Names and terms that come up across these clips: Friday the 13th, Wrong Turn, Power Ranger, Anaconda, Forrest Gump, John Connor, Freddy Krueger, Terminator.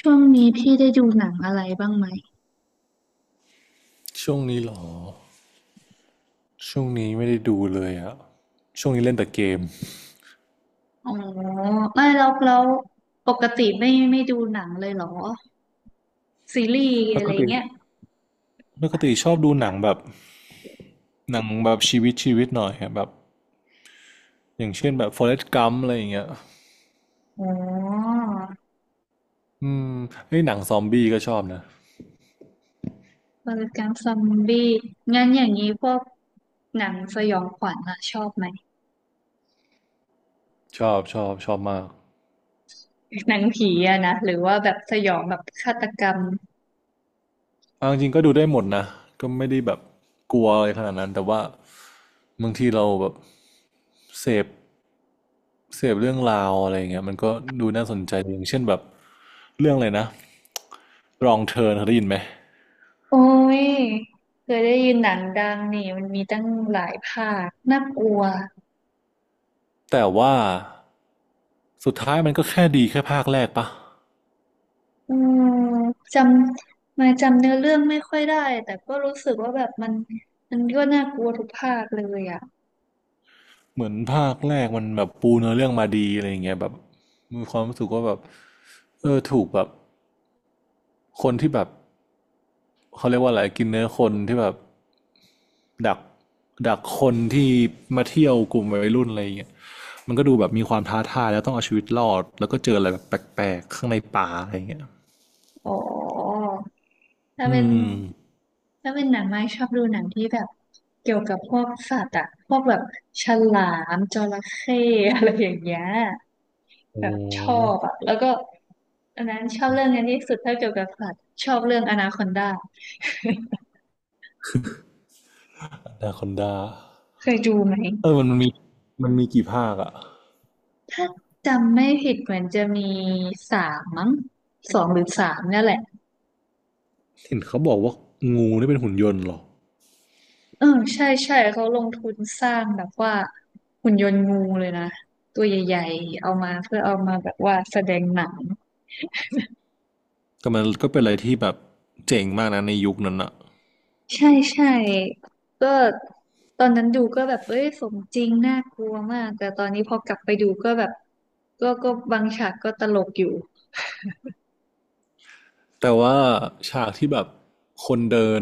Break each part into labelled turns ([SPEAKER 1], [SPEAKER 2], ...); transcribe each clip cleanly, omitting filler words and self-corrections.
[SPEAKER 1] ช่วงนี้พี่ได้ดูหนังอะไรบ้างไหม
[SPEAKER 2] ช่วงนี้เหรอช่วงนี้ไม่ได้ดูเลยอะช่วงนี้เล่นแต่เกม
[SPEAKER 1] อ๋อไม่แล้วแล้วปกติไม่ดูหนังเลยเหรอซีรีส์อะ
[SPEAKER 2] ป
[SPEAKER 1] ไร
[SPEAKER 2] กติ
[SPEAKER 1] เงี้ย
[SPEAKER 2] ปกติชอบดูหนังแบบชีวิตชีวิตหน่อยอะแบบอย่างเช่นแบบ Forrest Gump อะไรอย่างเงี้ย
[SPEAKER 1] อ๋อ
[SPEAKER 2] อืมไอ้ยหนังซอมบี้ก็ชอบนะ
[SPEAKER 1] วรกรรมซอมบี้งั้นอย่างนี้พวกหนังสยองขวัญอะชอบไหม
[SPEAKER 2] ชอบชอบชอบมาก
[SPEAKER 1] หนังผีอะนะหรือว่าแบบสยองแบบฆาตกรรม
[SPEAKER 2] เอาจริงๆก็ดูได้หมดนะก็ไม่ได้แบบกลัวอะไรขนาดนั้นแต่ว่าบางทีเราแบบเสพเสพเรื่องราวอะไรอย่างเงี้ยมันก็ดูน่าสนใจดีอย่างเช่นแบบเรื่องอะไรนะ Wrong Turn เคยได้ยินไหม
[SPEAKER 1] โอ้ยเคยได้ยินหนังดังนี่มันมีตั้งหลายภาคน่ากลัว
[SPEAKER 2] แต่ว่า สุดท้ายมันก็แค่ดีแค่ภาคแรกปะ
[SPEAKER 1] อืมจำมาจำเนื้อเรื่องไม่ค่อยได้แต่ก็รู้สึกว่าแบบมันก็น่ากลัวทุกภาคเลยอ่ะ
[SPEAKER 2] เหมือนภาคแรกมันแบบปูเนื้อเรื่องมาดีอะไรอย่างเงี้ยแบบมีความรู้สึกว่าแบบเออถูกแบบคนที่แบบเขาเรียกว่าอะไรกินเนื้อคนที่แบบดักดักคนที่มาเที่ยวกลุ่มวัยรุ่นอะไรอย่างเงี้ยมันก็ดูแบบมีความท้าทายแล้วต้องเอาชีวิตรอดแล้วก็เจออะไรแบบแปลกๆข้างในป่าอะไรอย่างเงี้ย
[SPEAKER 1] อ๋อถ้า
[SPEAKER 2] อื
[SPEAKER 1] เป็น
[SPEAKER 2] ม
[SPEAKER 1] หนังไม่ชอบดูหนังที่แบบเกี่ยวกับพวกสัตว์อ่ะพวกแบบฉลามจระเข้อะไรอย่างเงี้ยแบ
[SPEAKER 2] โอ้
[SPEAKER 1] บชอบอ่ะแล้วก็อันนั้นชอบเรื่องนี้ที่สุดถ้าเกี่ยวกับสัตว์ชอบเรื่องอนาคอนดา
[SPEAKER 2] อนาคอนดา
[SPEAKER 1] เคยดูไหม
[SPEAKER 2] เออมันมีกี่ภาคอะ
[SPEAKER 1] ถ้าจำไม่ผิดเหมือนจะมีสามมั้งสองหรือสามเนี่ยแหละ
[SPEAKER 2] เห็นเขาบอกว่างูนี่เป็นหุ่นยนต์เหรอ
[SPEAKER 1] เออใช่ใช่เขาลงทุนสร้างแบบว่าหุ่นยนต์งูเลยนะตัวใหญ่ๆเอามาเพื่อเอามาแบบว่าแสดงหนัง
[SPEAKER 2] แต่มันก็เป็นอะไรที่แบบเจ๋งมากนะในยุคนั้นอะ
[SPEAKER 1] ใช่ใช่ก็ตอนนั้นดูก็แบบเอ้ยสมจริงน่ากลัวมากแต่ตอนนี้พอกลับไปดูก็แบบก็บางฉากก็ตลกอยู่
[SPEAKER 2] แต่ว่าฉากที่แบบคนเดิน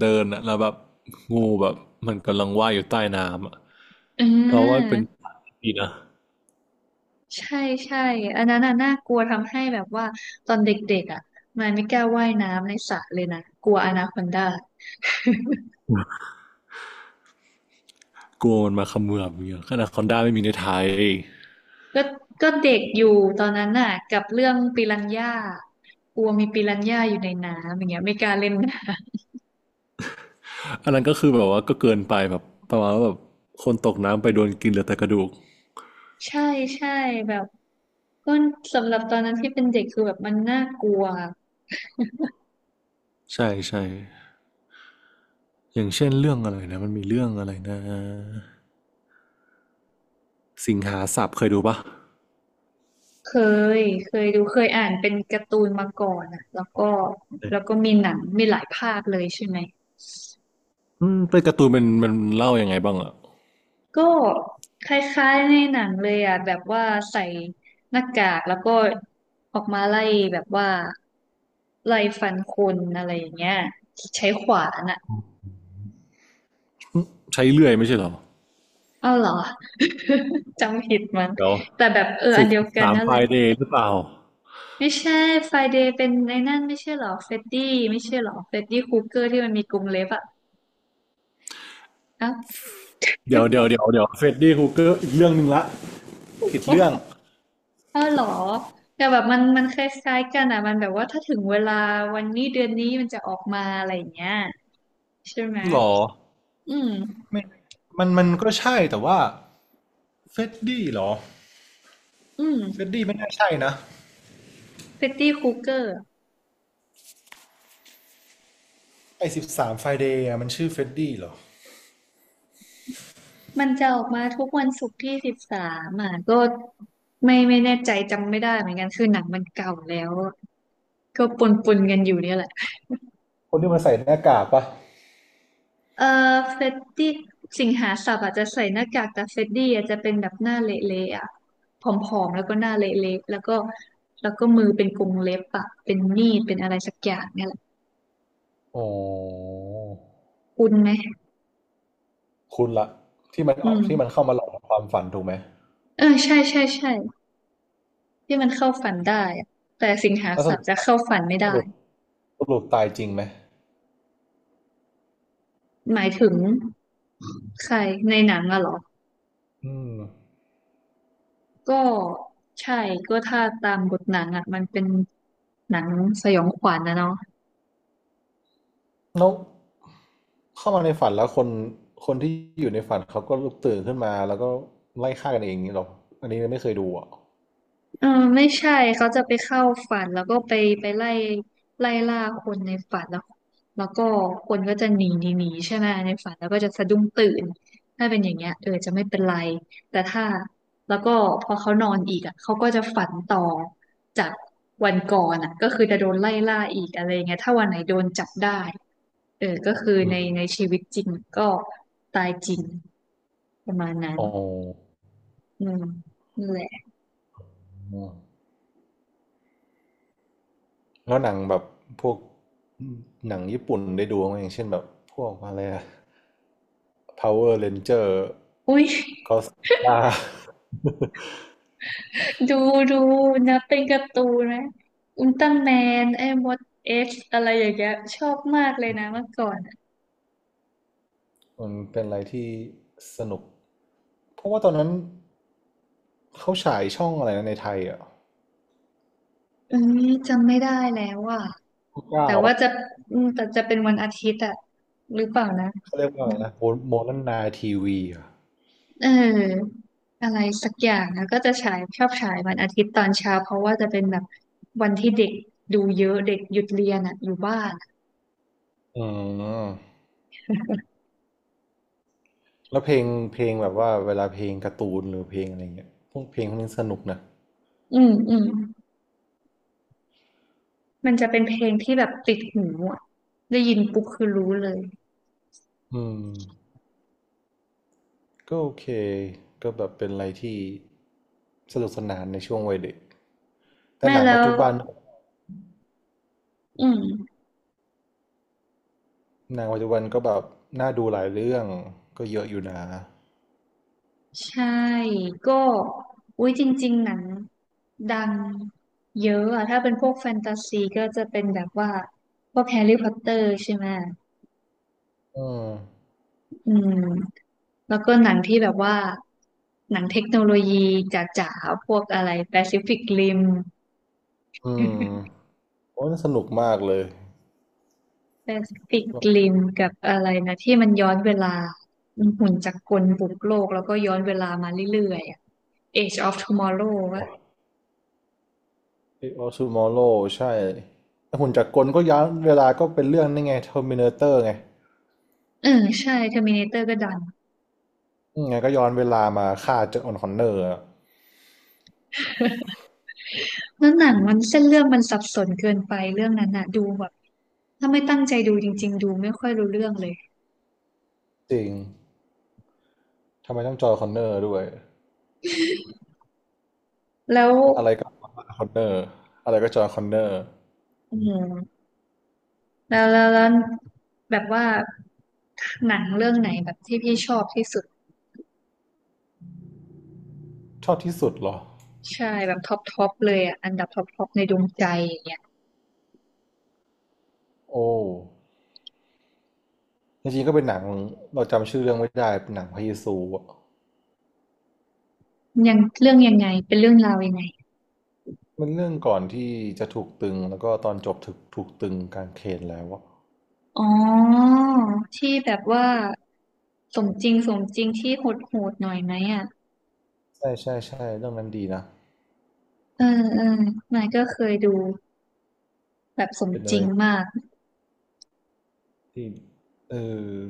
[SPEAKER 2] เดินอะแล้วแบบงูแบบมันกำลังว่ายอยู่ใต้น้ำอะ
[SPEAKER 1] เออ
[SPEAKER 2] เราว่าเป็นฉากี่ดีนะ
[SPEAKER 1] ใช่ใช่อันนั้นน่ะน่ากลัวทำให้แบบว่าตอนเด็กๆอ่ะมายไม่กล้าว่ายน้ำในสระเลยนะกลัวอนาคอนดา
[SPEAKER 2] กลัวมันมาเขมือบอย่างเงี้ยขนาดคอนด้าไม่มีในไทย
[SPEAKER 1] ก็ก็เด็กอยู่ตอนนั้นน่ะกับเรื่องปิรันย่ากลัวมีปิรันย่าอยู่ในน้ำอย่างเงี้ยไม่กล้าเล่นน้
[SPEAKER 2] อันนั้นก็คือแบบว่าก็เกินไปแบบประมาณว่าแบบคนตกน้ำไปโดนกินเหลือแต่กระดูก
[SPEAKER 1] ำ ใช่ใช่แบบก็สำหรับตอนนั้นที่เป็นเด็กคือแบบมันน่ากลัว
[SPEAKER 2] ใช่ใช่อย่างเช่นเรื่องอะไรนะมันมีเรื่องอะไรนะสิงหาสับเคยดูปะ
[SPEAKER 1] เคเคยดูเคยอ่านเป็นการ์ตูนมาก่อนอ่ะแล้วก็แล้วก็มีหนังมีหลายภาคเลยใช่ไหม
[SPEAKER 2] อืมเป็นการ์ตูนมันเล่ายังไงบ้างอะ
[SPEAKER 1] ก็คล้ายๆในหนังเลยอ่ะแบบว่าใส่หน้ากากแล้วก็ออกมาไล่แบบว่าไล่ฟันคนอะไรอย่างเงี้ยใช้ขวานอ่ะ
[SPEAKER 2] ใช้เลื่อยไม่ใช่เหรอ
[SPEAKER 1] อ้าวเหรอ จำผิดมั้ง
[SPEAKER 2] เดี๋ยว
[SPEAKER 1] แต่แบบเอออั
[SPEAKER 2] สุ
[SPEAKER 1] น
[SPEAKER 2] ก
[SPEAKER 1] เดียวกัน
[SPEAKER 2] สาม
[SPEAKER 1] นั่น
[SPEAKER 2] ไฟ
[SPEAKER 1] แหละ
[SPEAKER 2] เดย์หรือเปล่า
[SPEAKER 1] ไม่ใช่ไฟเดย์เป็นในนั่นไม่ใช่เหรอเฟดดี้ไม่ใช่เหรอเฟดดี้คูเกอร์ที่มันมีกรงเล็บอ่ะเอ้าว
[SPEAKER 2] เดี๋ยวเดี๋ยวเดี๋ยวเดี๋ยวเฟรดดี้ฮูเกอร์อีกเรื่องหนึ่งละผิดเรื่อง
[SPEAKER 1] ออเหรอแต่แบบมันคล้ายๆกันอ่ะมันแบบว่าถ้าถึงเวลาวันนี้เดือนนี้มันจะออกมาอะไรอย่างเงี้ย ใช่ไหม
[SPEAKER 2] หรอ
[SPEAKER 1] อืม
[SPEAKER 2] ไม่มันก็ใช่แต่ว่าเฟรดดี้หรอ
[SPEAKER 1] อื
[SPEAKER 2] เฟรด
[SPEAKER 1] ม
[SPEAKER 2] ดี้ไม่น่าใช่นะ
[SPEAKER 1] f ริตตี้คูเกอร์
[SPEAKER 2] ไอ13ไฟเดย์มันชื่อเฟรดดี้หรอ
[SPEAKER 1] มันจะออกมาทุกวันศุกร์ที่สิบสามอ่ะก็ไม่แน่ใจจำไม่ได้เหมือนกันคือหนังมันเก่าแล้วก็ปนปนกันอยู่เนี่ยแหละ
[SPEAKER 2] คนที่มันใส่หน้ากากปะ
[SPEAKER 1] เออเฟตตี้สิงหาสับอาจจะใส่หน้ากากแต่เฟตตี้อาจจะเป็นแบบหน้าเละๆอ่ะผอมๆแล้วก็หน้าเละๆแล้วก็แล้วก็มือเป็นกรงเล็บอ่ะเป็นมีดเป็นอะไรสักอย่างเนี่ยแหละ
[SPEAKER 2] อ๋อ
[SPEAKER 1] คุณไหม
[SPEAKER 2] คุณละที่มัน
[SPEAKER 1] อื
[SPEAKER 2] ออก
[SPEAKER 1] ม
[SPEAKER 2] ที่มันเข้ามาหลอกความฝันถูกไหม
[SPEAKER 1] เออใช่ใช่ใช่ ที่มันเข้าฝันได้อะแต่สิงหา
[SPEAKER 2] แล้วส
[SPEAKER 1] สัต
[SPEAKER 2] รุป
[SPEAKER 1] ว์จะเข้าฝันไม่
[SPEAKER 2] ส
[SPEAKER 1] ได้
[SPEAKER 2] รุปสรุปตายจริงไหม
[SPEAKER 1] หมายถึงใครในหนังอะเหรอ
[SPEAKER 2] อืม
[SPEAKER 1] ก็ใช่ก็ถ้าตามบทหนังอะมันเป็นหนังสยองขวัญนะเนาะ
[SPEAKER 2] แล้วเข้ามาในฝันแล้วคนคนที่อยู่ในฝันเขาก็ลุกตื่นขึ้นมาแล้วก็ไล่ฆ่ากันเองอย่างนี้หรออันนี้ไม่เคยดูอ่ะ
[SPEAKER 1] เออไม่ใช่เขาจะไปเข้าฝันแล้วก็ไปไปไล่ไล่ล่าคนในฝันแล้วแล้วก็คนก็จะหนีหนีหนีใช่ไหมในฝันแล้วก็จะสะดุ้งตื่นถ้าเป็นอย่างเงี้ยเออจะไม่เป็นไรแต่ถ้าแล้วก็พอเขานอนอีกอ่ะเขาก็จะฝันต่อจากวันก่อนอ่ะก็คือจะโดนไล่ล่าอีกอะไรเงี้ยถ้าวันไหนโดนจับได้เออก็คือ
[SPEAKER 2] อื
[SPEAKER 1] ใน
[SPEAKER 2] ม
[SPEAKER 1] ชีวิตจริงก็ตายจริงประมาณนั้น
[SPEAKER 2] อ๋อ
[SPEAKER 1] อืมนั่นแหละ
[SPEAKER 2] แล้วหนังแบบพวกหนังญี่ปุ่นได้ดูไหมอย่างเช่นแบบพวกอะไรอะ Power Ranger
[SPEAKER 1] อุ้ย
[SPEAKER 2] บ้า
[SPEAKER 1] ดูดูนะเป็นการ์ตูนะอุลตร้าแมนไอ้มดเอ็กซ์อะไรอย่างเงี้ยชอบมากเลยนะเมื่อก่อนอะ
[SPEAKER 2] มันเป็นอะไรที่สนุก เพราะว่าตอนนั้นเขาฉายช่องอะไรนะในไทยอ่ะ
[SPEAKER 1] เอ้ยจำไม่ได้แล้วอ่ะ
[SPEAKER 2] 9
[SPEAKER 1] แต่ว่าจะอืมแต่จะเป็นวันอาทิตย์อ่ะหรือเปล่านะ
[SPEAKER 2] เขาเรียกว่าอะไรนะโมโมนนาทีวีอ่ะ
[SPEAKER 1] เอออะไรสักอย่างนะก็จะฉายชอบฉายวันอาทิตย์ตอนเช้าเพราะว่าจะเป็นแบบวันที่เด็กดูเยอะเด็กหยุดเรียนอ่ะอยู่บ้านอะ
[SPEAKER 2] อืม แล้วเพลงเพลงแบบว่าเวลาเพลงการ์ตูนหรือเพลงอะไรเงี้ยพวกเพลงพวกนี้สนุกนะ
[SPEAKER 1] อืมอืมมันจะเป็นเพลงที่แบบติดหูอ่ะได้ยินปุ๊บคือรู้เลย
[SPEAKER 2] อืมก็โอเคก็แบบเป็นอะไรที่สนุกสนานในช่วงวัยเด็กแต่
[SPEAKER 1] แม่
[SPEAKER 2] หนัง
[SPEAKER 1] แล้
[SPEAKER 2] ปัจ
[SPEAKER 1] ว
[SPEAKER 2] จุบัน
[SPEAKER 1] อืม
[SPEAKER 2] หนังปัจจุบันก็แบบน่าดูหลายเรื่องก็เยอะอยู่นะ
[SPEAKER 1] ใช่ ก็อุ้ยจริงๆหนังดังเยอะอะ ถ้าเป็นพวกแฟนตาซีก็จะเป็นแบบว่า พวกแฮร์รี่พอตเตอร์ใช่ไหม
[SPEAKER 2] อืม
[SPEAKER 1] อืมแล้วก็หนังที่แบบว่า หนังเทคโนโลยีจ๋าๆ พวกอะไรแปซิฟิกริม
[SPEAKER 2] อืมโอ้ยน่าสนุกมากเลย
[SPEAKER 1] แปซิฟิ
[SPEAKER 2] แบบ
[SPEAKER 1] กริมกับอะไรนะที่มันย้อนเวลาหุ่นจักรกลบุกโลกแล้วก็ย้อนเวลามาเรื่อยๆอะ Age of Tomorrow วะ
[SPEAKER 2] ไอออสมอโลใช่แต่หุ่นจักรกลก็ย้อนเวลาก็เป็นเรื่องนี่ไงเทอร์มินาเตอร์ไง
[SPEAKER 1] เออใช่ Terminator ก็ดัง
[SPEAKER 2] อืมไงก็ย้อนเวลามาฆ่าเจอห์นคอนเนอร์อะ
[SPEAKER 1] แล้วหนังมันเส้นเรื่องมันสับสนเกินไปเรื่องนั้นน่ะดูแบบถ้าไม่ตั้งใจดูจริงๆดูไม่ค่อยรู้เรื่องเลย
[SPEAKER 2] จริง ทำไมต้องจอห์นคอนเนอร์ด้วย
[SPEAKER 1] แล้ว
[SPEAKER 2] อะไรก็คอนเนอร์อะไรก็จอห์นคอนเนอร์
[SPEAKER 1] อืมแล้วแบบว่าหนังเรื่องไหนแบบที่พี่ชอบที่สุด
[SPEAKER 2] ชอบที่สุดเหรอ
[SPEAKER 1] ใช่แบบท็อปท็อปเลยอ่ะอันดับท็อปท็อปในดวงใจอย่างเงี้ย
[SPEAKER 2] โอ้จริงๆก็เป็นหนังเราจำชื่อเรื่องไม่ได้เป็นหนังพระเยซูอะ
[SPEAKER 1] ยังเรื่องยังไงเป็นเรื่องราวยังไง
[SPEAKER 2] มันเรื่องก่อนที่จะถูกตึงแล้วก็ตอนจบถูกตึงกางเขนแล้วอะ
[SPEAKER 1] อ๋อที่แบบว่าสมจริงสมจริงที่โหดโหดหน่อยไหมอ่ะ
[SPEAKER 2] ใช่ใช่ใช่เรื่องนั้นดีนะ
[SPEAKER 1] เออเออมายก็เคยดูแบบสม
[SPEAKER 2] เป็น
[SPEAKER 1] จ
[SPEAKER 2] อะ
[SPEAKER 1] ริ
[SPEAKER 2] ไร
[SPEAKER 1] งมาก
[SPEAKER 2] ที่เออ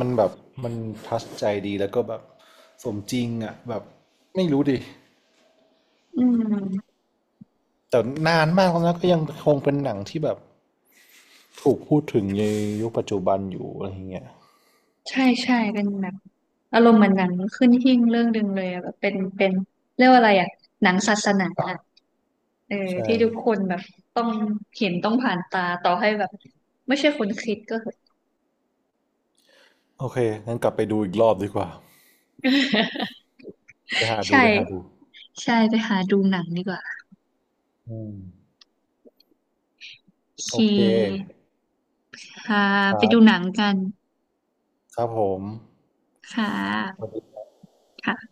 [SPEAKER 2] มันแบบมันทัชใจดีแล้วก็แบบสมจริงอะแบบไม่รู้ดิ
[SPEAKER 1] อืม
[SPEAKER 2] แต่นานมากแล้วนะก็ยังคงเป็นหนังที่แบบ ถูกพูดถึงในยุคปัจจุบันอยู่อะไรอย่างเงี้ย
[SPEAKER 1] ใช่ใช่เป็นแบบอารมณ์เหมือนหนังขึ้นหิ้งเรื่องดึงเลยอะแบบเป็นเรียกว่าอะไรอะหนังศาสนาอะเออ
[SPEAKER 2] ใช่
[SPEAKER 1] ที่ทุกคนแบบต้องเห็นต้องผ่านตาต่อให้แบบไม่ใช่คนคิดก็เหอะ
[SPEAKER 2] โอเคงั้นกลับไปดูอีกรอบดีกว่า ไปหาดู
[SPEAKER 1] ใช่
[SPEAKER 2] ไปหาดู
[SPEAKER 1] ใช่ไปหาดูหนังดีกว่า
[SPEAKER 2] อืม
[SPEAKER 1] โอเ
[SPEAKER 2] โอเค
[SPEAKER 1] คค่ะ
[SPEAKER 2] ค
[SPEAKER 1] ไป
[SPEAKER 2] รั
[SPEAKER 1] ดู
[SPEAKER 2] บ
[SPEAKER 1] หนังกัน
[SPEAKER 2] ครับผม
[SPEAKER 1] ค่
[SPEAKER 2] สวั
[SPEAKER 1] ะ
[SPEAKER 2] สดี
[SPEAKER 1] ค่ะ